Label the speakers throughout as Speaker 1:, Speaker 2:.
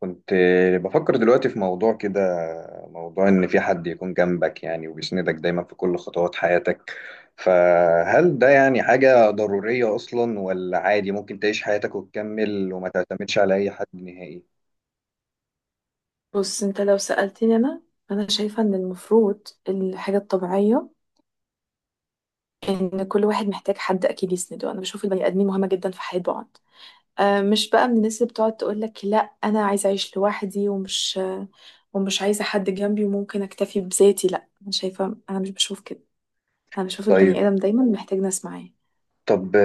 Speaker 1: كنت بفكر دلوقتي في موضوع كده، موضوع إن في حد يكون جنبك يعني وبيسندك دايما في كل خطوات حياتك. فهل ده يعني حاجة ضرورية أصلا، ولا عادي ممكن تعيش حياتك وتكمل وما تعتمدش على أي حد نهائي؟
Speaker 2: بص انت لو سألتني انا شايفة ان المفروض الحاجة الطبيعية ان كل واحد محتاج حد اكيد يسنده. انا بشوف البني ادمين مهمة جدا في حياة بعض. آه، مش بقى من الناس اللي بتقعد تقول لك لا انا عايزة اعيش لوحدي ومش عايزة حد جنبي وممكن اكتفي بذاتي. لا، انا شايفة، انا مش بشوف كده. انا بشوف
Speaker 1: طيب.
Speaker 2: البني ادم دايما محتاج ناس معاه.
Speaker 1: طب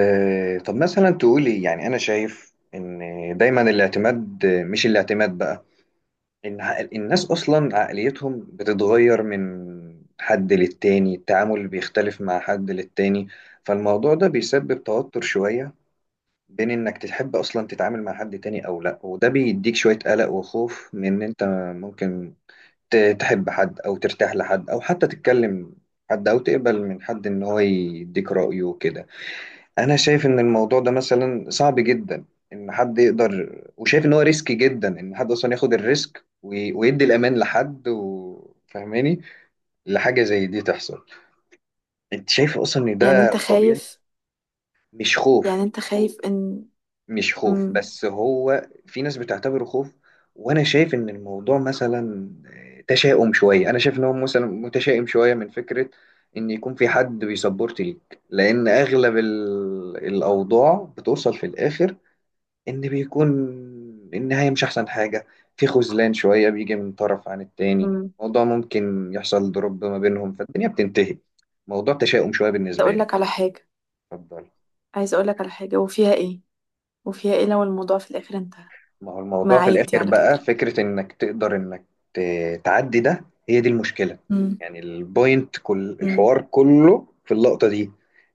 Speaker 1: طب مثلا تقولي، يعني أنا شايف إن دايما الاعتماد، مش الاعتماد بقى، إن الناس أصلا عقليتهم بتتغير من حد للتاني، التعامل بيختلف مع حد للتاني. فالموضوع ده بيسبب توتر شوية بين إنك تحب أصلا تتعامل مع حد تاني أو لأ، وده بيديك شوية قلق وخوف من إن أنت ممكن تحب حد أو ترتاح لحد أو حتى تتكلم حد أو تقبل من حد إن هو يديك رأيه وكده. انا شايف ان الموضوع ده مثلا صعب جدا، ان حد يقدر، وشايف ان هو ريسكي جدا ان حد اصلا ياخد الريسك ويدي الامان لحد. وفهماني لحاجه زي دي تحصل. انت شايف اصلا ان
Speaker 2: يعني
Speaker 1: ده
Speaker 2: انت
Speaker 1: طبيعي؟
Speaker 2: خايف؟
Speaker 1: مش
Speaker 2: يعني
Speaker 1: خوف.
Speaker 2: انت خايف ان...
Speaker 1: مش خوف،
Speaker 2: امم
Speaker 1: بس هو في ناس بتعتبره خوف. وانا شايف ان الموضوع مثلا تشاؤم شويه، انا شايف ان هو مثلا متشائم شويه من فكره ان يكون في حد بيسبورت ليك، لان اغلب الاوضاع بتوصل في الاخر ان بيكون النهاية مش احسن حاجة. في خذلان شوية بيجي من طرف عن التاني،
Speaker 2: امم
Speaker 1: موضوع ممكن يحصل ضرب ما بينهم فالدنيا بتنتهي. موضوع تشاؤم شوية بالنسبة
Speaker 2: اقول
Speaker 1: لي.
Speaker 2: لك على حاجة،
Speaker 1: اتفضل.
Speaker 2: عايزة اقول لك على حاجة، وفيها ايه؟ وفيها ايه لو الموضوع في الاخر انتهى؟
Speaker 1: ما هو
Speaker 2: ما
Speaker 1: الموضوع في
Speaker 2: عادي
Speaker 1: الاخر
Speaker 2: على
Speaker 1: بقى
Speaker 2: فكرة.
Speaker 1: فكرة انك تقدر انك تعدي ده، هي دي المشكلة.
Speaker 2: مم.
Speaker 1: يعني البوينت كل
Speaker 2: مم.
Speaker 1: الحوار كله في اللقطة دي،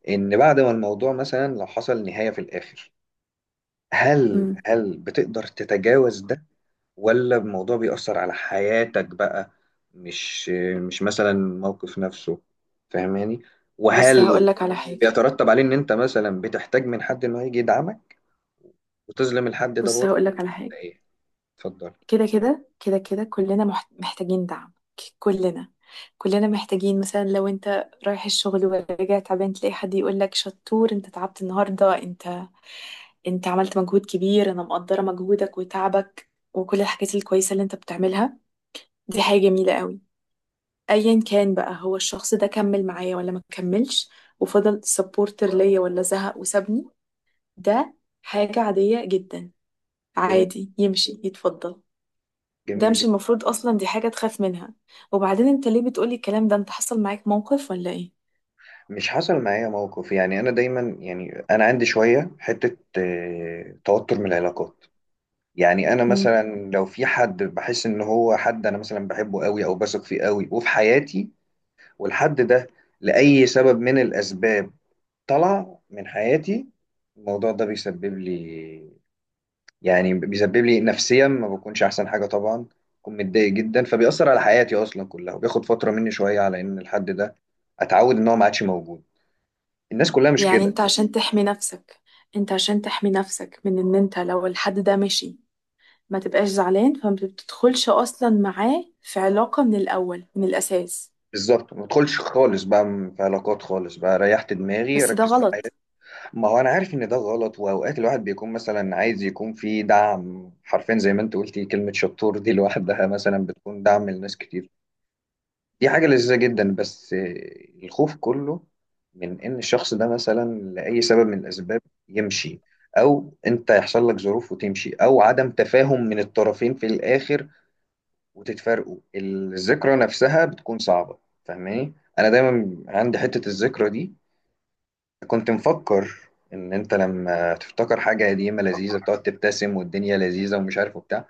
Speaker 1: ان بعد ما الموضوع مثلا لو حصل نهاية في الاخر، هل
Speaker 2: مم.
Speaker 1: هل بتقدر تتجاوز ده ولا الموضوع بيأثر على حياتك بقى؟ مش مش مثلا الموقف نفسه، فاهماني؟
Speaker 2: بص هقول
Speaker 1: وهل
Speaker 2: لك على حاجة،
Speaker 1: بيترتب عليه ان انت مثلا بتحتاج من حد انه يجي يدعمك وتظلم الحد ده
Speaker 2: بص
Speaker 1: برضه،
Speaker 2: هقول لك على حاجة.
Speaker 1: ولا ايه؟ اتفضل.
Speaker 2: كده كده كده كده كلنا محتاجين دعم، كلنا كلنا محتاجين. مثلا لو انت رايح الشغل وراجع تعبان تلاقي حد يقول لك شطور، انت تعبت النهاردة، انت عملت مجهود كبير، انا مقدرة مجهودك وتعبك وكل الحاجات الكويسة اللي انت بتعملها، دي حاجة جميلة قوي. ايا كان بقى هو الشخص ده كمل معايا ولا ما كملش، وفضل سبورتر ليا ولا زهق وسابني، ده حاجة عادية جدا.
Speaker 1: جميل،
Speaker 2: عادي يمشي يتفضل. ده
Speaker 1: جميل
Speaker 2: مش
Speaker 1: جدا.
Speaker 2: المفروض أصلا دي حاجة تخاف منها. وبعدين أنت ليه بتقولي الكلام ده؟ أنت حصل معاك موقف ولا إيه؟
Speaker 1: مش حصل معايا موقف، يعني انا دايما، يعني انا عندي شويه حته توتر من العلاقات. يعني انا
Speaker 2: مم.
Speaker 1: مثلا لو في حد بحس ان هو حد انا مثلا بحبه قوي او بثق فيه قوي وفي حياتي، والحد ده لاي سبب من الاسباب طلع من حياتي، الموضوع ده بيسبب لي، يعني بيسبب لي نفسيا ما بكونش احسن حاجه طبعا، بكون متضايق جدا، فبيأثر على حياتي اصلا كلها، وبياخد فتره مني شويه على ان الحد ده اتعود ان هو ما عادش موجود. الناس كلها مش
Speaker 2: يعني
Speaker 1: كده.
Speaker 2: أنت عشان تحمي نفسك، أنت عشان تحمي نفسك من إن أنت لو الحد ده مشي ما تبقاش زعلان، فما بتدخلش أصلا معاه في علاقة من الأول من الأساس.
Speaker 1: بالظبط، ما ادخلش خالص بقى في علاقات خالص بقى، ريحت دماغي
Speaker 2: بس ده
Speaker 1: ركز في حياتي.
Speaker 2: غلط.
Speaker 1: ما هو انا عارف ان ده غلط، واوقات الواحد بيكون مثلا عايز يكون في دعم، حرفيا زي ما انت قلتي كلمه شطور دي لوحدها مثلا بتكون دعم لناس كتير، دي حاجة لذيذة جدا. بس الخوف كله من إن الشخص ده مثلا لأي سبب من الأسباب يمشي، أو أنت يحصل لك ظروف وتمشي، أو عدم تفاهم من الطرفين في الآخر وتتفارقوا، الذكرى نفسها بتكون صعبة. فاهماني؟ أنا دايما عندي حتة الذكرى دي. كنت مفكر إن أنت لما تفتكر حاجة قديمة لذيذة بتقعد تبتسم والدنيا لذيذة ومش عارف وبتاع،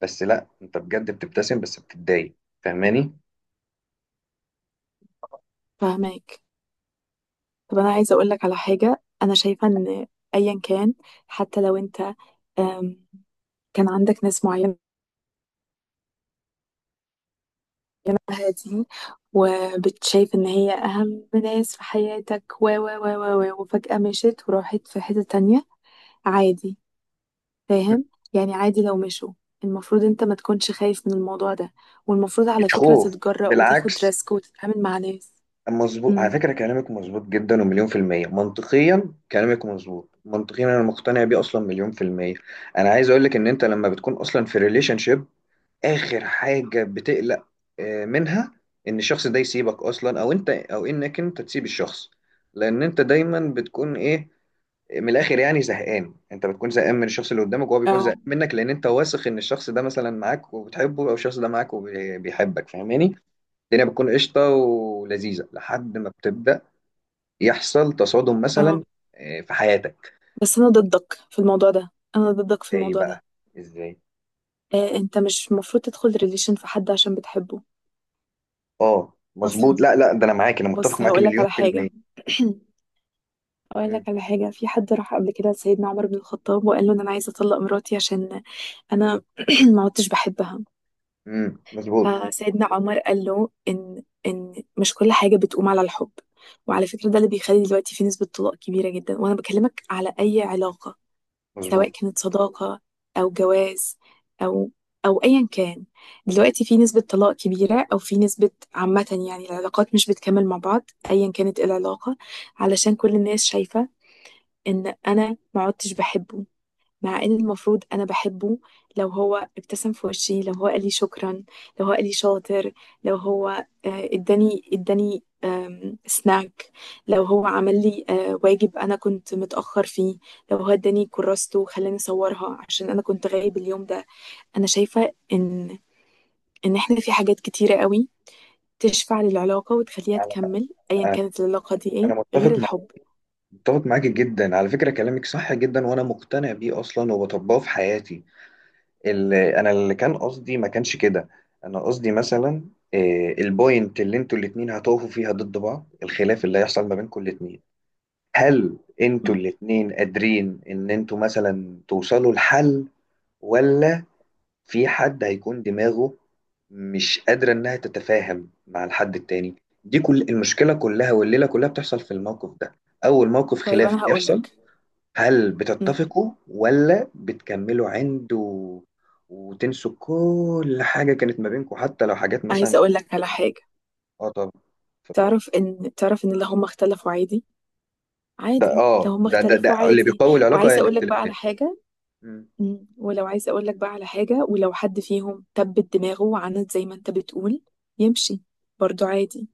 Speaker 1: بس لأ، أنت بجد بتبتسم بس بتتضايق. فاهماني؟
Speaker 2: فهماك. طب أنا عايزة أقولك على حاجة، أنا شايفة إن أيا كان، حتى لو أنت أم، كان عندك ناس معينة معاها دي وبتشايف ان هي اهم ناس في حياتك و وفجأة مشيت وراحت في حتة تانية، عادي. فاهم؟ يعني عادي لو مشوا، المفروض انت ما تكونش خايف من الموضوع ده، والمفروض على
Speaker 1: مش
Speaker 2: فكرة
Speaker 1: خوف.
Speaker 2: تتجرأ وتاخد
Speaker 1: بالعكس.
Speaker 2: ريسك وتتعامل مع ناس.
Speaker 1: مظبوط، على
Speaker 2: امم
Speaker 1: فكرة كلامك مظبوط جدا ومليون في المية. منطقيا كلامك مظبوط، منطقيا أنا مقتنع بيه أصلا مليون في المية. أنا عايز أقولك إن أنت لما بتكون أصلا في ريليشن شيب، آخر حاجة بتقلق منها إن الشخص ده يسيبك أصلا أو أنت، أو إنك أنت تسيب الشخص. لأن أنت دايما بتكون إيه، من الآخر يعني زهقان، أنت بتكون زهقان من الشخص اللي قدامك وهو بيكون زهقان
Speaker 2: اه.
Speaker 1: منك، لأن أنت واثق إن الشخص ده مثلا معاك وبتحبه أو الشخص ده معاك وبيحبك، فاهماني؟ الدنيا بتكون قشطة ولذيذة لحد ما بتبدأ يحصل تصادم
Speaker 2: اه،
Speaker 1: مثلا في حياتك.
Speaker 2: بس انا ضدك في الموضوع ده، انا ضدك في
Speaker 1: ايه
Speaker 2: الموضوع ده.
Speaker 1: بقى؟ ازاي؟
Speaker 2: آه، انت مش المفروض تدخل ريليشن في حد عشان بتحبه
Speaker 1: اه مظبوط.
Speaker 2: اصلا.
Speaker 1: لا، لا، ده انا معاك، انا متفق
Speaker 2: بص
Speaker 1: معاك
Speaker 2: هقولك
Speaker 1: مليون
Speaker 2: على
Speaker 1: في
Speaker 2: حاجة.
Speaker 1: المية.
Speaker 2: اقول
Speaker 1: مم،
Speaker 2: لك على حاجه، في حد راح قبل كده لسيدنا عمر بن الخطاب وقال له إن انا عايزه اطلق مراتي عشان انا ما عدتش بحبها.
Speaker 1: مظبوط.
Speaker 2: فسيدنا عمر قال له ان مش كل حاجه بتقوم على الحب. وعلى فكره ده اللي بيخلي دلوقتي في نسبه طلاق كبيره جدا، وانا بكلمك على اي علاقه، سواء
Speaker 1: مظبوط
Speaker 2: كانت صداقه او جواز او ايا كان. دلوقتي في نسبه طلاق كبيره او في نسبه عامه يعني العلاقات مش بتكمل مع بعض ايا كانت إيه العلاقه، علشان كل الناس شايفه ان انا ما عدتش بحبه، مع ان المفروض انا بحبه. لو هو ابتسم في وشي، لو هو قال لي شكرا، لو هو قال لي شاطر، لو هو اداني سناك، لو هو عمل لي واجب انا كنت متاخر فيه، لو هو اداني كراسته وخلاني اصورها عشان انا كنت غايب اليوم ده. انا شايفه ان احنا في حاجات كتيره قوي تشفع للعلاقه وتخليها
Speaker 1: على-
Speaker 2: تكمل ايا كانت العلاقه دي ايه،
Speaker 1: انا
Speaker 2: غير
Speaker 1: متفق معاك،
Speaker 2: الحب.
Speaker 1: متفق معاك جدا، على فكرة كلامك صح جدا وانا مقتنع بيه اصلا وبطبقه في حياتي. اللي كان قصدي ما كانش كده. انا قصدي مثلا البوينت اللي انتوا الاتنين هتقفوا فيها ضد بعض، الخلاف اللي هيحصل ما بينكم الاتنين، هل انتوا
Speaker 2: مم.
Speaker 1: الاتنين قادرين ان انتوا مثلا توصلوا لحل، ولا في حد هيكون دماغه مش قادرة انها تتفاهم مع الحد التاني؟ دي كل المشكلة كلها والليلة كلها بتحصل في الموقف ده. اول موقف
Speaker 2: طيب
Speaker 1: خلاف
Speaker 2: انا هقول
Speaker 1: بيحصل،
Speaker 2: لك،
Speaker 1: هل بتتفقوا ولا بتكملوا عنده وتنسوا كل حاجة كانت ما بينكم، حتى لو حاجات مثلا.
Speaker 2: عايزة اقول لك على حاجة.
Speaker 1: اه طبعا، اتفضل.
Speaker 2: تعرف ان اللي هم اختلفوا عادي.
Speaker 1: ده،
Speaker 2: عادي لو
Speaker 1: اه،
Speaker 2: هم
Speaker 1: ده ده
Speaker 2: اختلفوا،
Speaker 1: ده اللي
Speaker 2: عادي.
Speaker 1: بيقوي العلاقة هي
Speaker 2: وعايزة اقول لك بقى على
Speaker 1: الاختلافات.
Speaker 2: حاجة.
Speaker 1: مم.
Speaker 2: ولو، عايزة اقول لك بقى على حاجة، ولو حد فيهم تبت دماغه وعند زي ما انت بتقول يمشي، برضو عادي.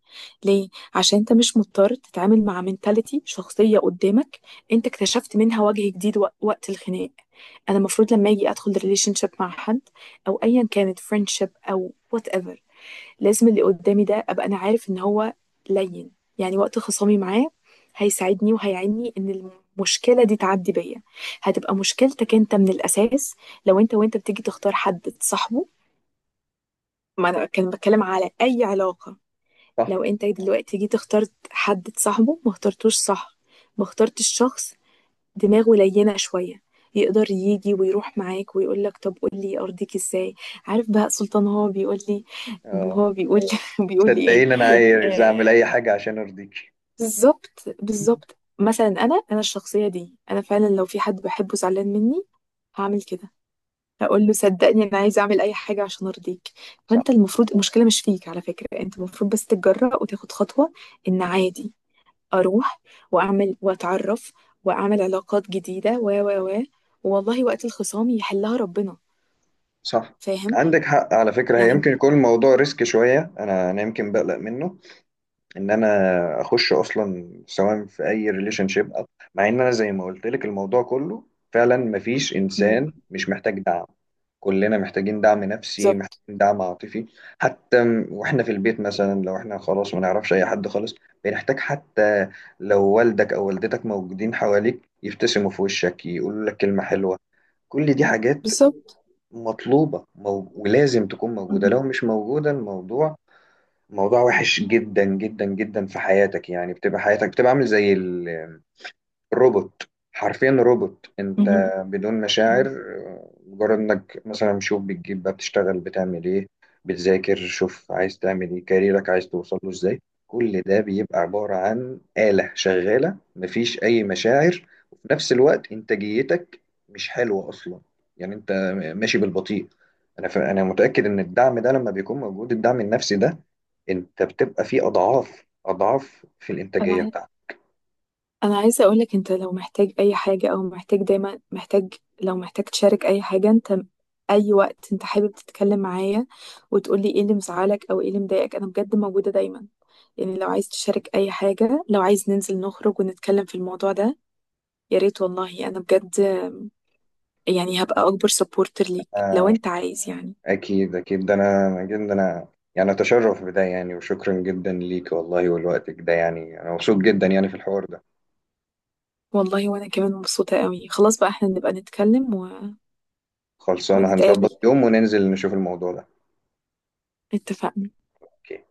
Speaker 2: ليه؟ عشان انت مش مضطر تتعامل مع منتاليتي شخصية قدامك انت اكتشفت منها وجه جديد وقت الخناق. انا المفروض لما اجي ادخل ريليشن شيب مع حد او ايا كانت فريندشيب او whatever، لازم اللي قدامي ده ابقى انا عارف ان هو لين، يعني وقت خصامي معاه هيساعدني وهيعيني ان المشكله دي تعدي بيا. هتبقى مشكلتك انت من الاساس لو انت بتيجي تختار حد تصاحبه، ما انا كان بتكلم على اي علاقه.
Speaker 1: صح.
Speaker 2: لو انت دلوقتي جيت اخترت حد تصاحبه ما اخترتوش صح، ما اخترتش شخص دماغه لينه شويه يقدر يجي ويروح معاك ويقول لك طب قول لي ارضيك ازاي. عارف بهاء سلطان هو بيقول لي،
Speaker 1: اه،
Speaker 2: وهو بيقول بيقول لي ايه؟
Speaker 1: صدقيني انا عايز
Speaker 2: آه،
Speaker 1: اعمل اي حاجه عشان ارضيكي.
Speaker 2: بالظبط بالظبط، مثلا انا الشخصيه دي انا فعلا لو في حد بحبه زعلان مني هعمل كده، هقول له صدقني انا عايزه اعمل اي حاجه عشان ارضيك. فانت
Speaker 1: صح.
Speaker 2: المفروض، المشكله مش فيك على فكره، انت المفروض بس تتجرأ وتاخد خطوه ان عادي اروح واعمل واتعرف واعمل علاقات جديده و والله وقت الخصام يحلها ربنا.
Speaker 1: صح،
Speaker 2: فاهم
Speaker 1: عندك حق على فكره. هي
Speaker 2: يعني؟
Speaker 1: يمكن يكون الموضوع ريسك شويه، انا يمكن بقلق منه، ان انا اخش اصلا سواء في اي ريليشن شيب، مع ان انا زي ما قلت لك الموضوع كله فعلا مفيش
Speaker 2: مم.
Speaker 1: انسان مش محتاج دعم. كلنا محتاجين دعم نفسي،
Speaker 2: بالظبط
Speaker 1: محتاجين دعم عاطفي. حتى واحنا في البيت مثلا، لو احنا خلاص ما نعرفش اي حد خالص، بنحتاج حتى لو والدك او والدتك موجودين حواليك يبتسموا في وشك، يقولوا لك كلمة حلوة. كل دي حاجات
Speaker 2: بالظبط.
Speaker 1: مطلوبة ولازم تكون موجودة.
Speaker 2: مم.
Speaker 1: لو مش موجودة، الموضوع موضوع وحش جدا جدا جدا في حياتك. يعني بتبقى حياتك، بتبقى عامل زي روبوت، حرفيا روبوت
Speaker 2: مم.
Speaker 1: انت، بدون مشاعر.
Speaker 2: مم.
Speaker 1: مجرد انك مثلا شوف بتجيب بقى بتشتغل بتعمل ايه، بتذاكر شوف عايز تعمل ايه كاريرك عايز توصل له ازاي. كل ده بيبقى عبارة عن آلة شغالة مفيش أي مشاعر. وفي نفس الوقت إنتاجيتك مش حلوة أصلا، يعني أنت ماشي بالبطيء. أنا أنا متأكد إن الدعم ده لما بيكون موجود، الدعم النفسي ده، أنت بتبقى فيه أضعاف أضعاف في الإنتاجية
Speaker 2: انا انا عايزه اقولك، انت لو محتاج اي حاجه او محتاج، دايما محتاج، لو محتاج تشارك اي حاجه انت، اي وقت انت حابب تتكلم معايا وتقولي ايه اللي مزعلك او ايه اللي مضايقك، انا بجد موجوده دايما. يعني لو عايز تشارك اي حاجه، لو عايز ننزل نخرج ونتكلم في الموضوع ده، يا ريت، والله انا بجد يعني هبقى اكبر سبورتر ليك لو انت
Speaker 1: بتاعتك.
Speaker 2: عايز يعني.
Speaker 1: أكيد، أكيد ده. أنا جدا أنا يعني أتشرف بده يعني، وشكرا جدا ليك والله، ولوقتك ده يعني. أنا مبسوط جدا يعني في الحوار ده.
Speaker 2: والله وانا كمان مبسوطه قوي. خلاص بقى احنا نبقى نتكلم و...
Speaker 1: خلصانة،
Speaker 2: ونتقابل.
Speaker 1: هنظبط يوم وننزل نشوف الموضوع ده.
Speaker 2: اتفقنا.
Speaker 1: أوكي.